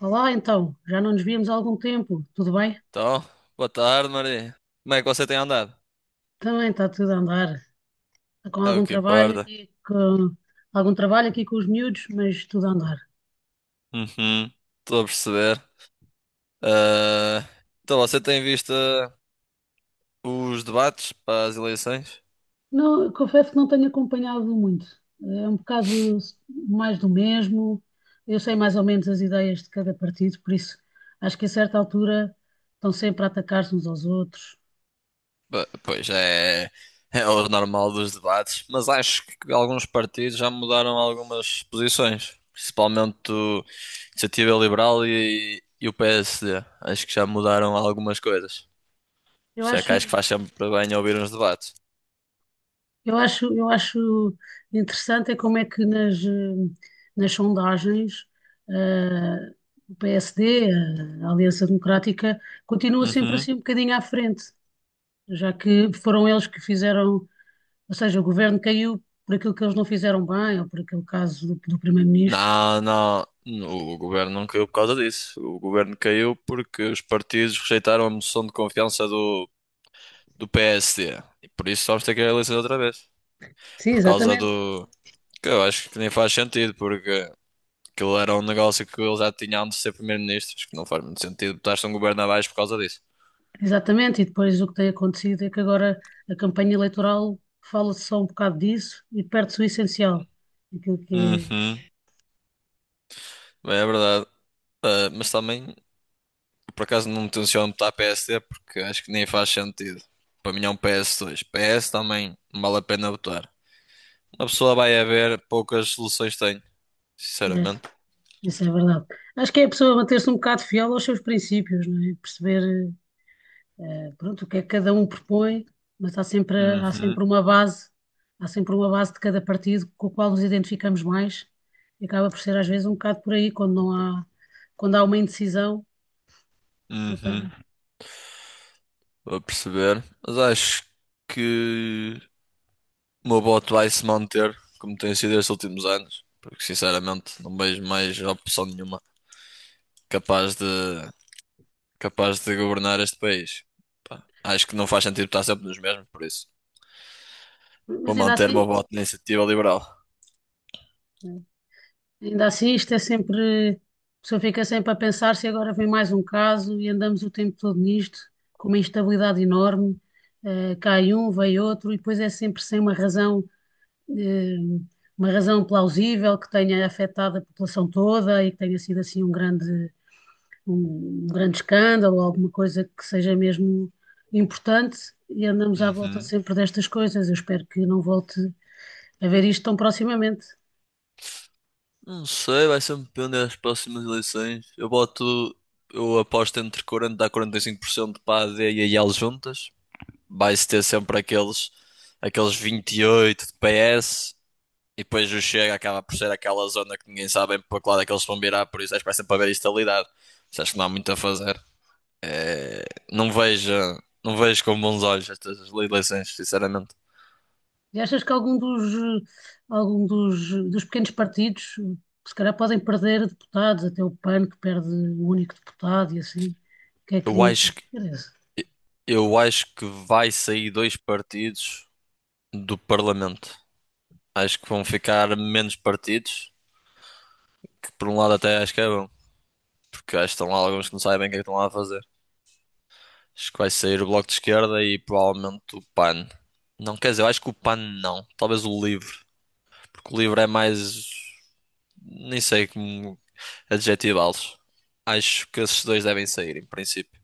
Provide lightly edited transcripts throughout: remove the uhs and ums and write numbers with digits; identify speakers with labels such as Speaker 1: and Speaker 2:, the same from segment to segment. Speaker 1: Olá, então, já não nos víamos há algum tempo, tudo bem?
Speaker 2: Então, boa tarde, Maria. Como é que você tem andado?
Speaker 1: Também está tudo a andar. Está com
Speaker 2: É o
Speaker 1: algum
Speaker 2: que
Speaker 1: trabalho
Speaker 2: importa.
Speaker 1: aqui, com algum trabalho aqui com os miúdos, mas tudo a andar.
Speaker 2: Uhum, estou a perceber. Ah, então, você tem visto os debates para as eleições?
Speaker 1: Não, confesso que não tenho acompanhado muito, é um bocado mais do mesmo, eu sei mais ou menos as ideias de cada partido, por isso acho que a certa altura estão sempre a atacar-se uns aos outros.
Speaker 2: Pois é, é o normal dos debates, mas acho que alguns partidos já mudaram algumas posições, principalmente o Iniciativa Liberal e o PSD. Acho que já mudaram algumas coisas. Por
Speaker 1: Eu
Speaker 2: isso é que acho que
Speaker 1: acho,
Speaker 2: faz sempre bem ouvir uns debates.
Speaker 1: eu acho interessante é como é que nas, nas sondagens, eh, o PSD, a Aliança Democrática, continua sempre
Speaker 2: Uhum.
Speaker 1: assim um bocadinho à frente, já que foram eles que fizeram, ou seja, o governo caiu por aquilo que eles não fizeram bem, ou por aquele caso do primeiro-ministro.
Speaker 2: Não, não. O governo não caiu por causa disso. O governo caiu porque os partidos rejeitaram a moção de confiança do PSD. E por isso vamos ter que ir a eleições outra vez.
Speaker 1: Sim,
Speaker 2: Por causa
Speaker 1: exatamente.
Speaker 2: do. Que eu acho que nem faz sentido, porque aquilo era um negócio que eles já tinham de ser primeiro-ministros, que não faz muito sentido botar-se um governo abaixo por causa disso.
Speaker 1: Exatamente, e depois o que tem acontecido é que agora a campanha eleitoral fala-se só um bocado disso e perde-se o essencial, aquilo que
Speaker 2: Uhum. Bem, é verdade. Ah, mas também, por acaso, não me tenciono botar PSD porque acho que nem faz sentido. Para mim é um P S dois 2. PS também não vale a pena votar. A pessoa vai a ver, poucas soluções tem,
Speaker 1: é. Né,
Speaker 2: sinceramente.
Speaker 1: isso é verdade. Acho que é a pessoa manter-se um bocado fiel aos seus princípios, não é? Perceber, pronto, o que é que cada um propõe, mas há sempre, há
Speaker 2: Uhum,
Speaker 1: sempre uma base, há sempre uma base de cada partido com o qual nos identificamos mais e acaba por ser às vezes um bocado por aí, quando não há, quando há uma indecisão. ou
Speaker 2: uhum.
Speaker 1: tem-
Speaker 2: Vou perceber. Mas acho que o meu voto vai se manter, como tem sido estes últimos anos. Porque, sinceramente, não vejo mais opção nenhuma capaz de, capaz de governar este país. Pá, acho que não faz sentido estar sempre nos mesmos, por isso. Vou
Speaker 1: Mas ainda
Speaker 2: manter o meu
Speaker 1: assim,
Speaker 2: voto na iniciativa liberal.
Speaker 1: ainda assim, isto é sempre. A pessoa fica sempre a pensar se agora vem mais um caso e andamos o tempo todo nisto, com uma instabilidade enorme. Cai um, vem outro, e depois é sempre sem uma razão, eh, uma razão plausível que tenha afetado a população toda e que tenha sido assim um grande, um grande escândalo, alguma coisa que seja mesmo importante. E andamos à volta
Speaker 2: Uhum.
Speaker 1: sempre destas coisas. Eu espero que não volte a ver isto tão proximamente.
Speaker 2: Não sei, vai sempre depende das próximas eleições. Eu aposto entre 40 a 45% para a AD e a IL juntas. Vai-se ter sempre aqueles 28 de PS. E depois o Chega acaba por ser aquela zona que ninguém sabe bem para que lado é que eles vão virar, por isso acho que vai sempre haver estabilidade. Mas acho que não há muito a fazer. É, não vejo, não vejo com bons olhos estas eleições, sinceramente.
Speaker 1: E achas que algum dos, algum dos pequenos partidos, se calhar, podem perder deputados, até o PAN que perde o único deputado e assim? O que é
Speaker 2: Eu
Speaker 1: que, o que é
Speaker 2: acho
Speaker 1: que
Speaker 2: que,
Speaker 1: parece?
Speaker 2: eu acho que vai sair dois partidos do Parlamento. Acho que vão ficar menos partidos, que por um lado até acho que é bom, porque acho que estão lá alguns que não sabem o que é que estão lá a fazer. Acho que vai sair o Bloco de Esquerda e provavelmente o PAN. Não, quer dizer, eu acho que o PAN não, talvez o LIVRE, porque o LIVRE é mais, nem sei como adjetivá-los. Acho que esses dois devem sair, em princípio.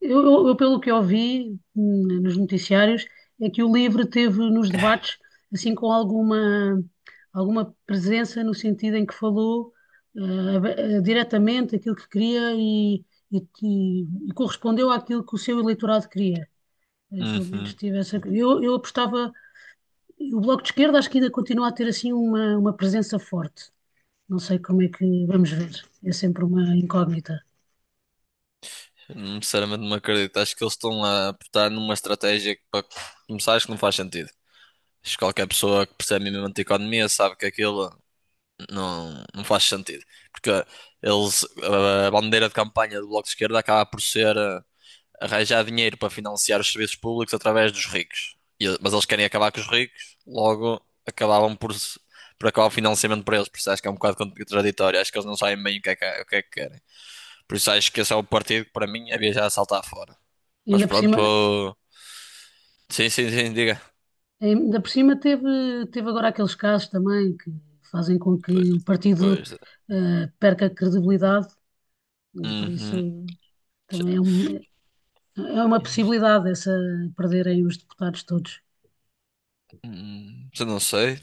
Speaker 1: Pelo que eu ouvi, nos noticiários, é que o Livre teve nos debates, assim, com alguma, alguma presença no sentido em que falou diretamente aquilo que queria e, e- e correspondeu àquilo que o seu eleitorado queria. Pelo
Speaker 2: Uhum.
Speaker 1: menos tive essa. Eu apostava. E o Bloco de Esquerda acho que ainda continua a ter assim uma presença forte. Não sei como é que vamos ver. É sempre uma incógnita.
Speaker 2: Sinceramente não acredito. Acho que eles estão a apostar numa estratégia que para começar acho que não faz sentido. Acho que qualquer pessoa que percebe minimamente de economia sabe que aquilo não, não faz sentido. Porque eles, a bandeira de campanha do Bloco de Esquerda acaba por ser arranjar dinheiro para financiar os serviços públicos através dos ricos. Mas eles querem acabar com os ricos, logo acabavam por, se- por acabar o financiamento para eles. Por isso acho que é um bocado contraditório. Acho que eles não sabem bem o que é que querem. Por isso acho que esse é o partido que para mim havia já a saltar fora.
Speaker 1: E
Speaker 2: Mas pronto, sim, sim, sim, diga.
Speaker 1: ainda por cima teve agora aqueles casos também que fazem com
Speaker 2: Pois,
Speaker 1: que o partido
Speaker 2: pois.
Speaker 1: perca credibilidade e por isso
Speaker 2: Uhum. Já-
Speaker 1: também é uma possibilidade essa perderem os deputados todos.
Speaker 2: hum, já não sei.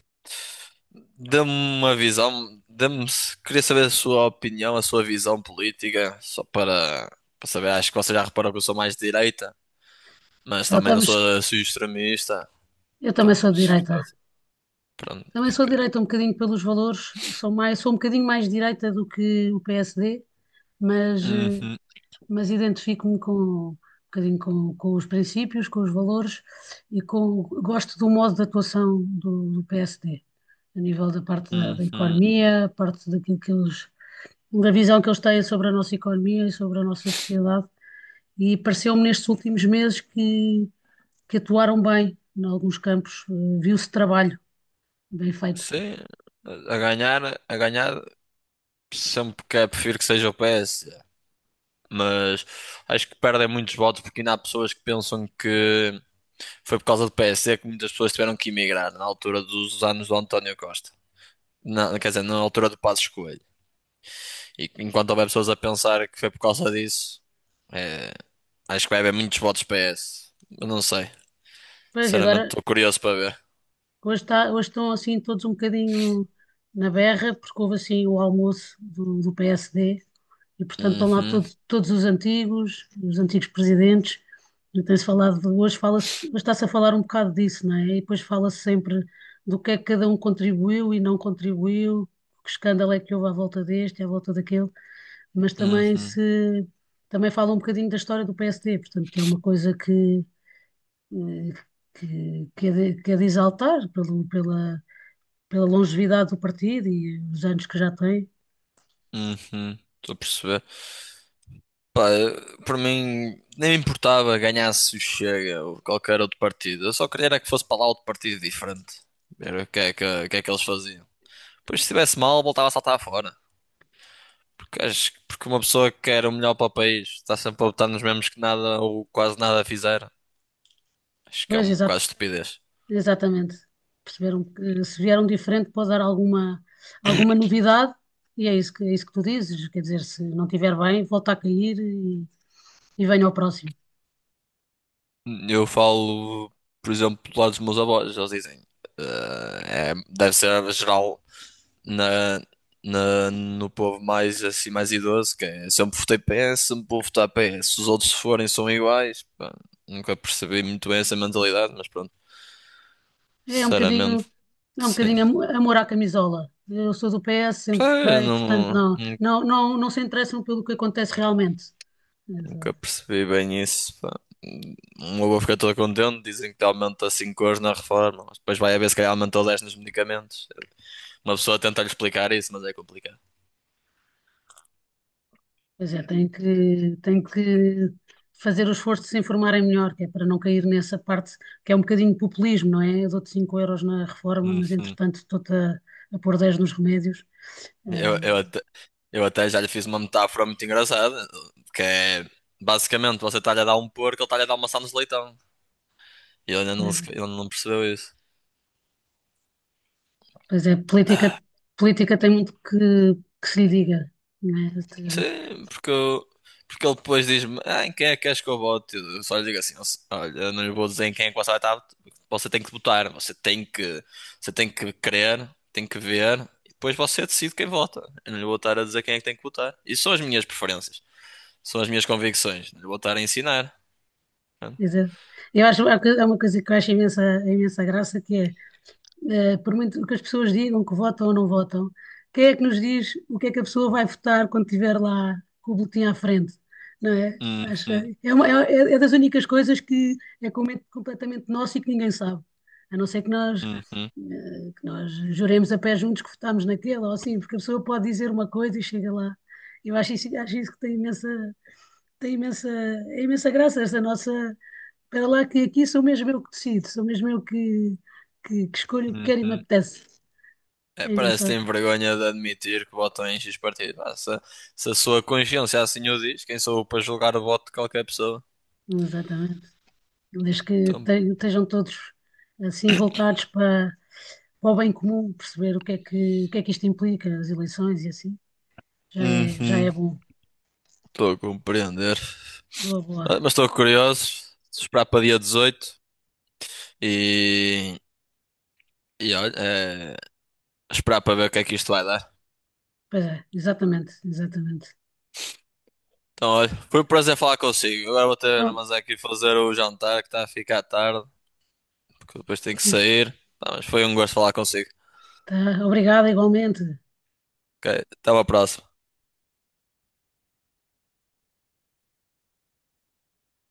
Speaker 2: Dê-me uma visão, queria saber a sua opinião, a sua visão política, para saber, acho que você já reparou que eu sou mais de direita, mas
Speaker 1: Então,
Speaker 2: também não sou
Speaker 1: estamos,
Speaker 2: assim extremista.
Speaker 1: eu
Speaker 2: Pá,
Speaker 1: também sou de
Speaker 2: mas,
Speaker 1: direita.
Speaker 2: pronto,
Speaker 1: Também sou
Speaker 2: porque.
Speaker 1: de direita um bocadinho pelos valores, sou mais, sou um bocadinho mais de direita do que o PSD, mas eh,
Speaker 2: Uhum,
Speaker 1: mas identifico-me com um bocadinho com os princípios, com os valores e com gosto do modo de atuação do PSD, a nível da parte da, da
Speaker 2: uhum.
Speaker 1: economia, a parte daquilo que eles, da visão que eles têm sobre a nossa economia e sobre a nossa sociedade. E pareceu-me nestes últimos meses que atuaram bem em alguns campos, viu-se trabalho bem feito.
Speaker 2: Sim, a ganhar, a ganhar, sempre que é, prefiro que seja o PS, mas acho que perdem muitos votos porque ainda há pessoas que pensam que foi por causa do PS que muitas pessoas tiveram que emigrar na altura dos anos do António Costa, na, quer dizer, na altura do Passos Coelho. E enquanto houver pessoas a pensar que foi por causa disso, é, acho que vai haver muitos votos PS. Eu não sei.
Speaker 1: Pois, e agora,
Speaker 2: Sinceramente, estou curioso para ver.
Speaker 1: hoje, está, hoje estão assim todos um bocadinho na berra, porque houve assim o almoço do PSD. E, portanto, estão lá
Speaker 2: Uhum,
Speaker 1: todos, todos os antigos presidentes. E tem-se falado, hoje fala-se, hoje está-se a falar um bocado disso, não é? E depois fala-se sempre do que é que cada um contribuiu e não contribuiu, que escândalo é que houve à volta deste, à volta daquele, mas também
Speaker 2: uhum,
Speaker 1: se também fala um bocadinho da história do PSD, portanto, que é uma coisa que, eh, que é de, que é de exaltar pelo, pela, pela longevidade do partido e os anos que já tem.
Speaker 2: uhum. Estou a perceber. Pá, por mim, nem me importava ganhasse o Chega ou qualquer outro partido. Eu só queria era que fosse para lá outro partido diferente. Ver o que é que eles faziam. Pois se estivesse mal, voltava a saltar fora. Porque, porque uma pessoa que quer o melhor para o país está sempre a votar nos mesmos que nada ou quase nada fizeram. Acho que é
Speaker 1: Pois,
Speaker 2: um bocado de estupidez.
Speaker 1: exatamente. Perceberam que se vieram diferente pode dar alguma, alguma novidade e é isso que tu dizes. Quer dizer, se não estiver bem, volta a cair e venha ao próximo.
Speaker 2: Eu falo, por exemplo, do lado dos meus avós, eles dizem, é, deve ser geral na, no povo mais assim mais idoso, que é sempre votei PS, sempre vou votar PS. Os outros se forem são iguais. Pá, nunca percebi muito bem essa mentalidade, mas pronto,
Speaker 1: É um
Speaker 2: sinceramente,
Speaker 1: bocadinho, é um
Speaker 2: sim.
Speaker 1: bocadinho amor à camisola. Eu sou do PS,
Speaker 2: Pá,
Speaker 1: sempre
Speaker 2: eu
Speaker 1: votei, portanto
Speaker 2: não,
Speaker 1: não,
Speaker 2: não
Speaker 1: não, não, não se interessam pelo que acontece realmente.
Speaker 2: nunca percebi bem isso. Pá. Uma boa fica todo contente, dizem que aumenta 5 euros na reforma, mas depois vai haver se calhar aumentou 10 nos medicamentos. Uma pessoa tenta lhe explicar isso, mas é complicado.
Speaker 1: Pois é, tem que fazer o esforço de se informarem melhor, que é para não cair nessa parte que é um bocadinho populismo, não é? Eu dou-te 5 euros na reforma, mas
Speaker 2: Uhum.
Speaker 1: entretanto a pôr 10 nos remédios.
Speaker 2: Eu, eu,
Speaker 1: Ah,
Speaker 2: até, eu até já lhe fiz uma metáfora muito engraçada, que é basicamente você está-lhe a dar um porco, ele está-lhe a dar uma maçã de leitão. E ele ainda não,
Speaker 1: eh,
Speaker 2: ele não percebeu isso.
Speaker 1: pois é, política, política tem muito que se lhe diga, não é?
Speaker 2: Sim, porque ele depois diz-me, ah, em quem é que queres que eu vote? Eu só lhe digo assim, olha, eu não lhe vou dizer em quem é que você vai estar, você tem que votar, você tem que querer, tem que ver, e depois você decide quem vota. Eu não lhe vou estar a dizer quem é que tem que votar. Isso são as minhas preferências, são as minhas convicções, não lhe vou estar a ensinar. Pronto.
Speaker 1: Quer dizer, eu acho há uma coisa que eu acho imensa, imensa graça, que é por muito que as pessoas digam que votam ou não votam, quem é que nos diz o que é que a pessoa vai votar quando estiver lá com o boletim à frente, não é?
Speaker 2: Uhum,
Speaker 1: É das únicas coisas que é com- completamente nosso e que ninguém sabe, a não ser que nós,
Speaker 2: uhum,
Speaker 1: que nós juremos a pé juntos que votámos naquela ou assim, porque a pessoa pode dizer uma coisa e chega lá. Eu acho isso que tem imensa, é imensa graça essa nossa, para lá que aqui sou mesmo eu que decido, sou mesmo eu que escolho o que quero e me
Speaker 2: uhum.
Speaker 1: apetece.
Speaker 2: É,
Speaker 1: É
Speaker 2: parece que
Speaker 1: engraçado.
Speaker 2: tem vergonha de admitir que votam em X partido. Ah, se a sua consciência assim o diz, quem sou eu para julgar o voto de qualquer pessoa?
Speaker 1: Exatamente. Desde que
Speaker 2: Então,
Speaker 1: estejam todos assim voltados para, para o bem comum, perceber o que é que, o que é que isto implica, as eleições e assim, já é
Speaker 2: Uhum,
Speaker 1: bom.
Speaker 2: estou a compreender.
Speaker 1: Boa,
Speaker 2: Ah,
Speaker 1: boa.
Speaker 2: mas estou curioso. Esperar para dia 18 e, e olha, é, esperar para ver o que é que isto vai dar.
Speaker 1: Pois é, exatamente, exatamente.
Speaker 2: Então, olha, foi um prazer falar consigo. Agora vou ter,
Speaker 1: Oh,
Speaker 2: mas aqui fazer o jantar que está a ficar tarde, porque depois tenho que sair. Tá, mas foi um gosto falar consigo.
Speaker 1: tá, obrigada igualmente.
Speaker 2: Ok, até à próxima.